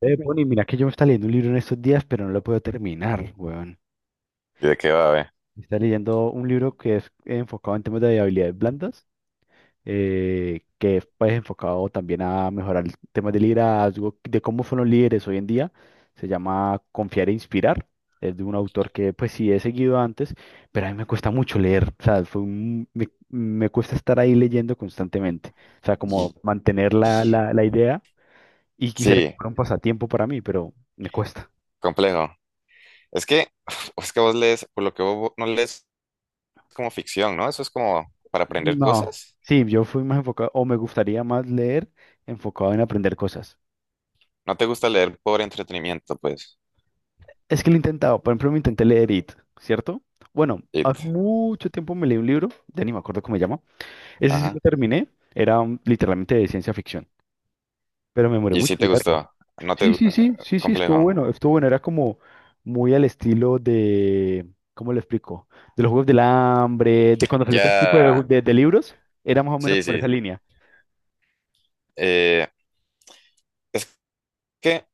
Bueno, y mira que yo me estaba leyendo un libro en estos días, pero no lo puedo terminar, weón. ¿Y de qué va, ve? Me está leyendo un libro que es enfocado en temas de habilidades blandas, que es pues, enfocado también a mejorar el tema de liderazgo, de cómo son los líderes hoy en día. Se llama Confiar e Inspirar. Es de un autor que pues sí he seguido antes, pero a mí me cuesta mucho leer. O sea, me cuesta estar ahí leyendo constantemente. O sea, como Y- mantener y- la idea y quisiera que Sí, fuera un pasatiempo para mí, pero me cuesta. complejo. Es que, es que vos lees, por lo que vos no lees como ficción, ¿no? Eso es como para aprender No, cosas. sí, yo fui más enfocado, o me gustaría más leer enfocado en aprender cosas. No te gusta leer por entretenimiento, pues. Es que lo he intentado, por ejemplo, me intenté leer It, ¿cierto? Bueno, It. hace mucho tiempo me leí un libro, ya ni me acuerdo cómo se llama, ese sí lo Ajá. terminé, era literalmente de ciencia ficción, pero me demoré Y mucho sí en te leerlo. gustó. No te... Sí, gu- sí, ah, sí, sí, sí, Complejo. Estuvo bueno, era como muy al estilo de, ¿cómo lo explico? De los Juegos del Hambre, de cuando salió este tipo de, Ya. de libros, era más o menos Sí, por sí, esa sí. línea. Eh, es que,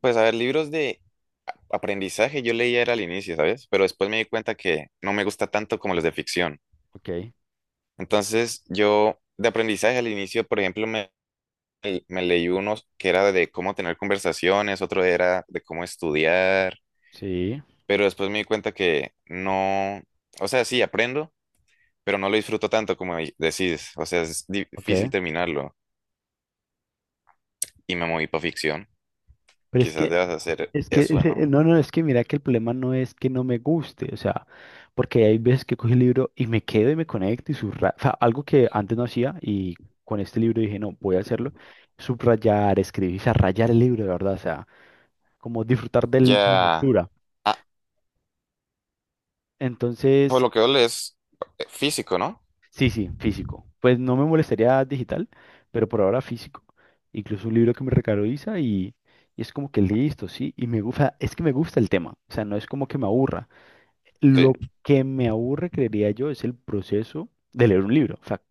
pues, a ver, libros de aprendizaje yo leía era al inicio, ¿sabes? Pero después me di cuenta que no me gusta tanto como los de ficción. Ok, Entonces, yo de aprendizaje al inicio, por ejemplo, me y me leí unos que era de cómo tener conversaciones, otro era de cómo estudiar, sí, pero después me di cuenta que no, o sea, sí aprendo, pero no lo disfruto tanto como decís, o sea, es difícil ok. terminarlo y me moví para ficción. Pero Quizás debas hacer es que, eso, ¿no? no, no, es que mira que el problema no es que no me guste, o sea, porque hay veces que cojo el libro y me quedo y me conecto y subrayo, o sea, algo que antes no hacía y con este libro dije, no, voy a hacerlo, subrayar, escribir, o sea, rayar el libro, de verdad, o sea, como disfrutar de la Ya. lectura. ah, por Entonces, lo que veo es físico, ¿no? sí, sí, físico. Pues no me molestaría digital, pero por ahora físico. Incluso un libro que me regaló Isa y es como que listo, sí, y me gusta, es que me gusta el tema, o sea, no es como que me aburra. Lo Sí. que me aburre, creería yo, es el proceso de leer un libro. O sea,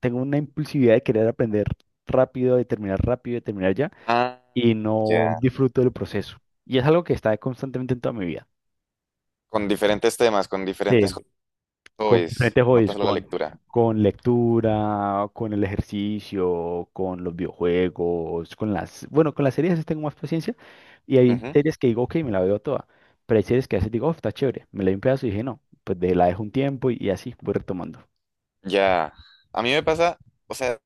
tengo una impulsividad de querer aprender rápido, de terminar ya, Ah, y no ya. disfruto del proceso. Y es algo que está constantemente en toda mi vida. Con diferentes temas, con Sí, diferentes con hobbies, diferentes no tan hobbies, solo la lectura. con lectura, con el ejercicio, con los videojuegos, con las, bueno, con las series sí tengo más paciencia. Y hay Ujú. series que digo, ok, me la veo toda. Pero hay series que a veces digo, oh, está chévere. Me la doy un pedazo y dije, no, pues de la dejo un tiempo y así voy retomando. Ya. A mí me pasa, o sea,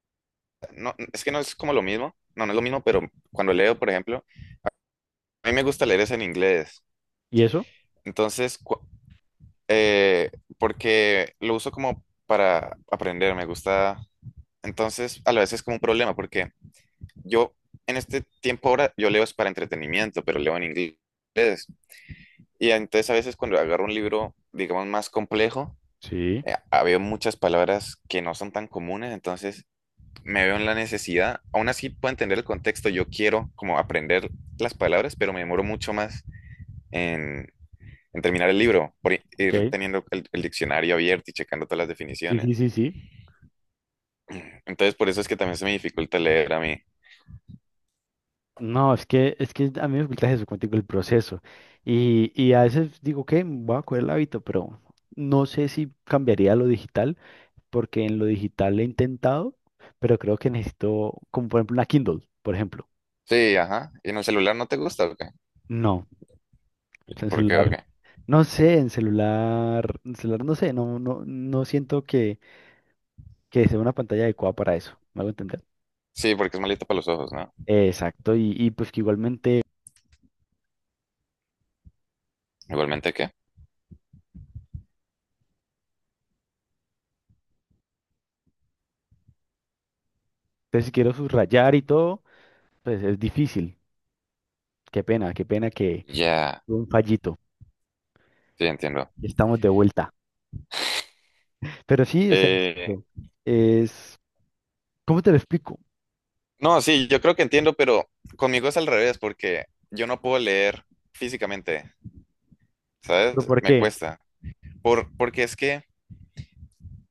no, es que no es como lo mismo, no, no es lo mismo, pero cuando leo, por ejemplo, a mí me gusta leer es en inglés, ¿Y eso? entonces, eh, porque lo uso como para aprender, me gusta, entonces, a la vez es como un problema, porque yo en este tiempo ahora, yo leo es para entretenimiento, pero leo en inglés, y entonces a veces cuando agarro un libro, digamos, más complejo, Sí, había muchas palabras que no son tan comunes, entonces me veo en la necesidad, aún así puedo entender el contexto, yo quiero como aprender las palabras, pero me demoro mucho más en, en terminar el libro, por ir ok. teniendo el diccionario abierto y checando todas las Sí, sí, definiciones. sí, sí. Entonces, por eso es que también se me dificulta leer a mí. No, es que a mí me gusta eso, contigo el proceso. Y a veces digo que voy a coger el hábito, pero no sé si cambiaría a lo digital, porque en lo digital he intentado, pero creo que necesito, como por ejemplo una Kindle, por ejemplo. Sí, ajá. ¿Y en el celular no te gusta o qué? No, en ¿Por qué o celular. qué? No sé, en celular no sé, no, no, no siento que sea una pantalla adecuada para eso. ¿Me hago entender? Sí, porque es malito para los ojos, ¿no? Exacto, y pues que igualmente, Igualmente, ¿qué? entonces si quiero subrayar y todo. Pues es difícil. Qué pena que Ya, fue un fallito. sí, entiendo. Estamos de vuelta. Pero sí, o sea, Eh, es- ¿cómo te lo explico? no, sí, yo creo que entiendo, pero conmigo es al revés, porque yo no puedo leer físicamente, ¿sabes? ¿Pero por Me qué? cuesta. Porque es que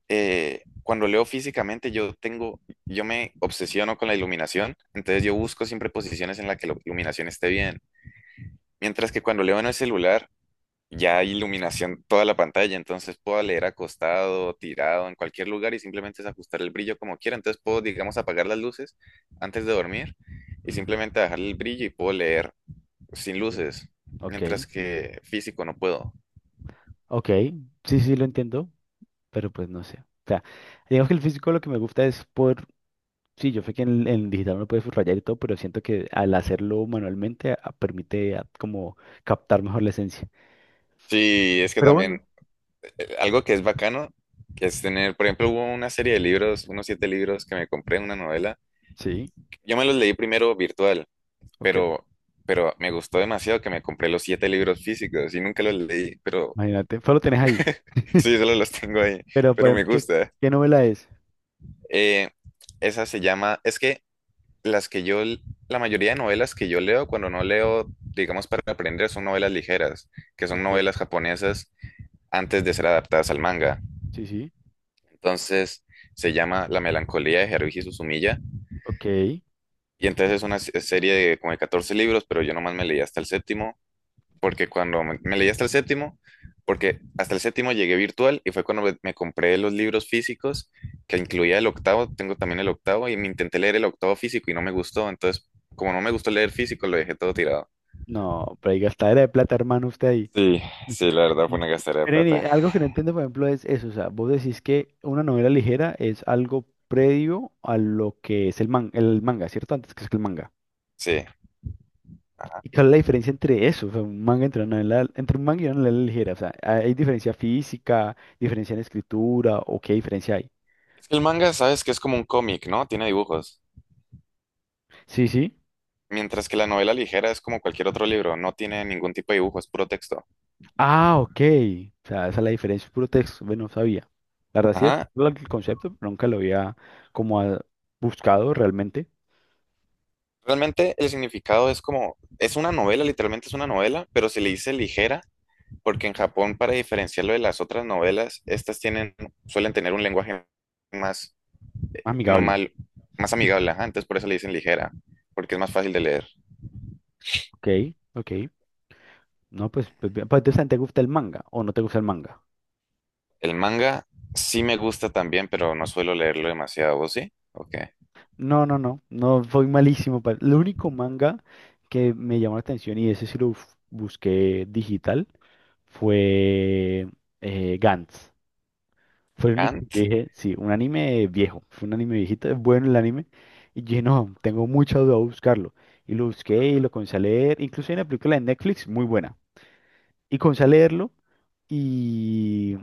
cuando leo físicamente, yo me obsesiono con la iluminación, entonces yo busco siempre posiciones en las que la iluminación esté bien. Mientras que cuando leo en el celular, ya hay iluminación toda la pantalla, entonces puedo leer acostado, tirado, en cualquier lugar y simplemente es ajustar el brillo como quiera. Entonces puedo, digamos, apagar las luces antes de dormir y Ujú, simplemente bajar el brillo y puedo leer sin sí, luces, ok, mientras que físico no puedo. ok, sí, sí, lo entiendo, pero pues no sé. O sea, digamos que el físico lo que me gusta es por, sí, yo sé que en digital uno puede subrayar y todo, pero siento que al hacerlo manualmente permite como captar mejor la esencia. Sí, es que Pero también bueno, algo que es bacano, que es tener, por ejemplo, hubo una serie de libros, unos siete libros que me compré, una novela. sí, Yo me los leí primero virtual, ok, pero, pero me gustó demasiado que me compré los siete libros físicos y nunca los leí, pero imagínate, solo tenés ahí. sí, solo los tengo ahí, Pero pero pues, me gusta. ¿qué novela es? Eh, Esa se llama, es que las que yo, la mayoría de novelas que yo leo cuando no leo, digamos, para aprender son novelas ligeras, que son Ok, novelas japonesas antes de ser adaptadas al manga. sí, sí. Entonces, se llama La melancolía de Haruhi Suzumiya. Ok, Y entonces es una serie de como de 14 libros, pero yo nomás me leí hasta el séptimo, porque cuando me leí hasta el séptimo, porque hasta el séptimo llegué virtual y fue cuando me compré los libros físicos, que incluía el octavo, tengo también el octavo, y me intenté leer el octavo físico y no me gustó, entonces como no me gustó leer físico, lo dejé todo tirado. no, pero hay gastadera de plata, hermano, usted ahí. Sí, sí, la verdad fue una gastadera de plata. Nene, algo que no entiendo, por ejemplo, es eso, o sea, vos decís que una novela ligera es algo previo a lo que es el manga, ¿cierto? Antes que es el manga. Sí. Ajá. ¿Y cuál es la diferencia entre eso? O sea, un manga entre una novela, entre un manga y una novela ligera, o sea, ¿hay diferencia física, diferencia en escritura o qué diferencia hay? Es que el manga, sabes que es como un cómic, ¿no? Tiene dibujos. Sí, sí. Mientras que la novela ligera es como cualquier otro libro, no tiene ningún tipo de dibujo, es puro texto. Ah, ok. O sea, esa es la diferencia, es puro texto. Bueno, no sabía. La verdad sí es Ajá. el concepto, pero nunca lo había como buscado realmente. Realmente el significado es como, es una novela, literalmente es una novela, pero se le dice ligera, porque en Japón, para diferenciarlo de las otras novelas, estas tienen, suelen tener un lenguaje más Amigable. normal, más amigable, ajá, entonces por eso le dicen ligera, porque es más fácil de leer. Ok, ok. No, pues, pues, bien. Pues, entonces, ¿te gusta el manga o no te gusta el manga? El manga sí me gusta también, pero no suelo leerlo demasiado, ¿vos sí? Ok. No, no, no. No, fue malísimo. Lo único manga que me llamó la atención y ese sí lo busqué digital fue Gantz. Fue el único que yo Kant. dije, sí, un anime viejo. Fue un anime viejito, es bueno el anime. Y yo dije, no, tengo mucha duda de buscarlo. Y lo busqué y lo comencé a leer. Incluso hay una película de Netflix muy buena. Y comencé a leerlo y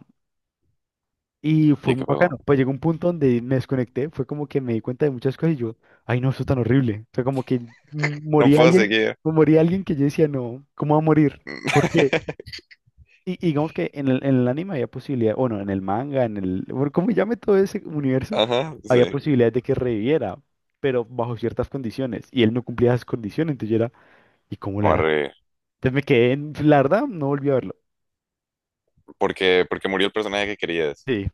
y ¿Y fue qué muy pasó? bacano. Pues llegó un punto donde me desconecté, fue como que me di cuenta de muchas cosas y yo, ay no, eso es tan horrible. O sea, como que No moría puedo alguien, seguir. o moría alguien que yo decía, no, ¿cómo va a morir? Porque, y digamos que en el anime había posibilidad, bueno, en el manga, en el, bueno, como llame todo ese universo, Ajá, había Ujú. sí. Posibilidades de que reviviera, pero bajo ciertas condiciones. Y él no cumplía esas condiciones, entonces yo era, ¿y cómo la No, hará? arre. Entonces me quedé en, la verdad, no volví a verlo. Porque murió el personaje que querías. Sí,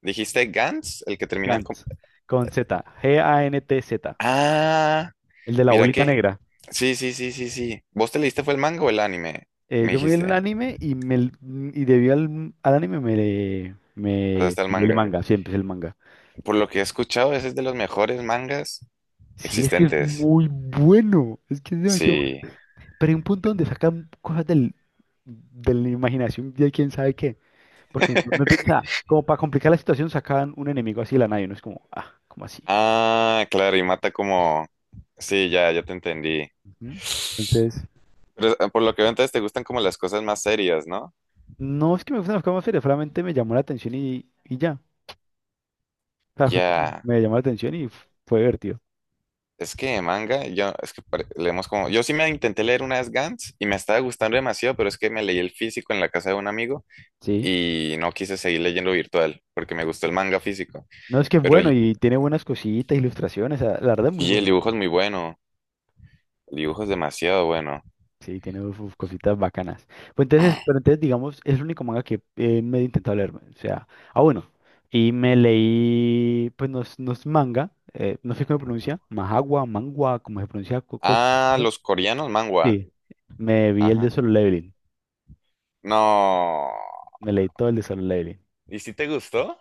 ¿Dijiste Gantz, el que termina con? Gantz, con Z, GANTZ, Ah, el de la mira bolita qué. negra. Sí, sí, sí, sí, sí. ¿Vos te leíste fue el manga o el anime? Me Yo me vi el dijiste. anime y debido al anime Te me pasaste al leí el manga. manga, siempre es el manga. Por lo que he escuchado, ese es de los mejores mangas Sí, es que es existentes. muy bueno, es que es demasiado Sí. bueno. Pero hay un punto donde sacan cosas del, de la imaginación de quién sabe qué. Porque uno piensa, como para complicar la situación, sacan un enemigo así de la nada y uno es como, ah, ¿cómo así? Ah, claro, y mata como. Sí, ya, ya te entendí. Ujú. Entonces, Pero, por lo que veo, entonces te gustan como las cosas más serias, ¿no? no es que me gusten las cosas más serias, solamente me llamó la atención y ya. O sea, fue como, Ya. me llamó la atención y fue divertido. Es que manga, yo, es que leemos como. Yo sí me intenté leer una vez Gantz y me estaba gustando demasiado, pero es que me leí el físico en la casa de un amigo, Sí. y no quise seguir leyendo virtual porque me gustó el manga físico. No, es que es Pero bueno y tiene buenas cositas, ilustraciones, la verdad es muy sí, el bueno. dibujo es muy bueno. El dibujo es demasiado bueno. Sí, tiene uf, cositas bacanas. Pues entonces, pero entonces, digamos, es el único manga que me he intentado leerme. O sea, ah, bueno. Y me leí, pues no es, no es manga, no sé cómo se Ujú. pronuncia, Mahagua, Mangua, cómo se pronuncia. Ah, ¿No? los coreanos manhwa. Sí, me vi el de Ajá. Solo Leveling. No. Me leí todo el de Solo Leveling. ¿Y si te gustó?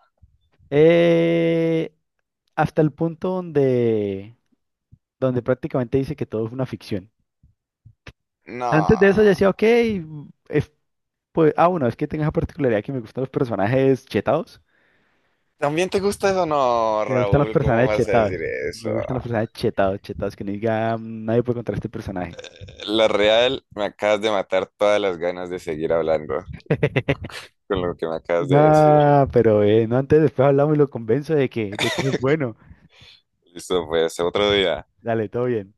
Eh, hasta el punto donde, donde prácticamente dice que todo es una ficción. Antes No. de eso ya decía, ok, es- pues, ah, bueno, es que tengo esa particularidad que me gustan los personajes chetados. ¿También te gusta eso? No, Sí, me gustan los Raúl, ¿cómo personajes como vas a chetados. decir eso? Me gustan los personajes chetados, chetados, que no diga "Mm, nadie puede contra este personaje. La real, me acabas de matar todas las ganas de seguir hablando con lo que me acabas de decir. No, pero no antes, después hablamos y lo convenzo de que es bueno. Listo, pues, otro día. Dale, todo bien.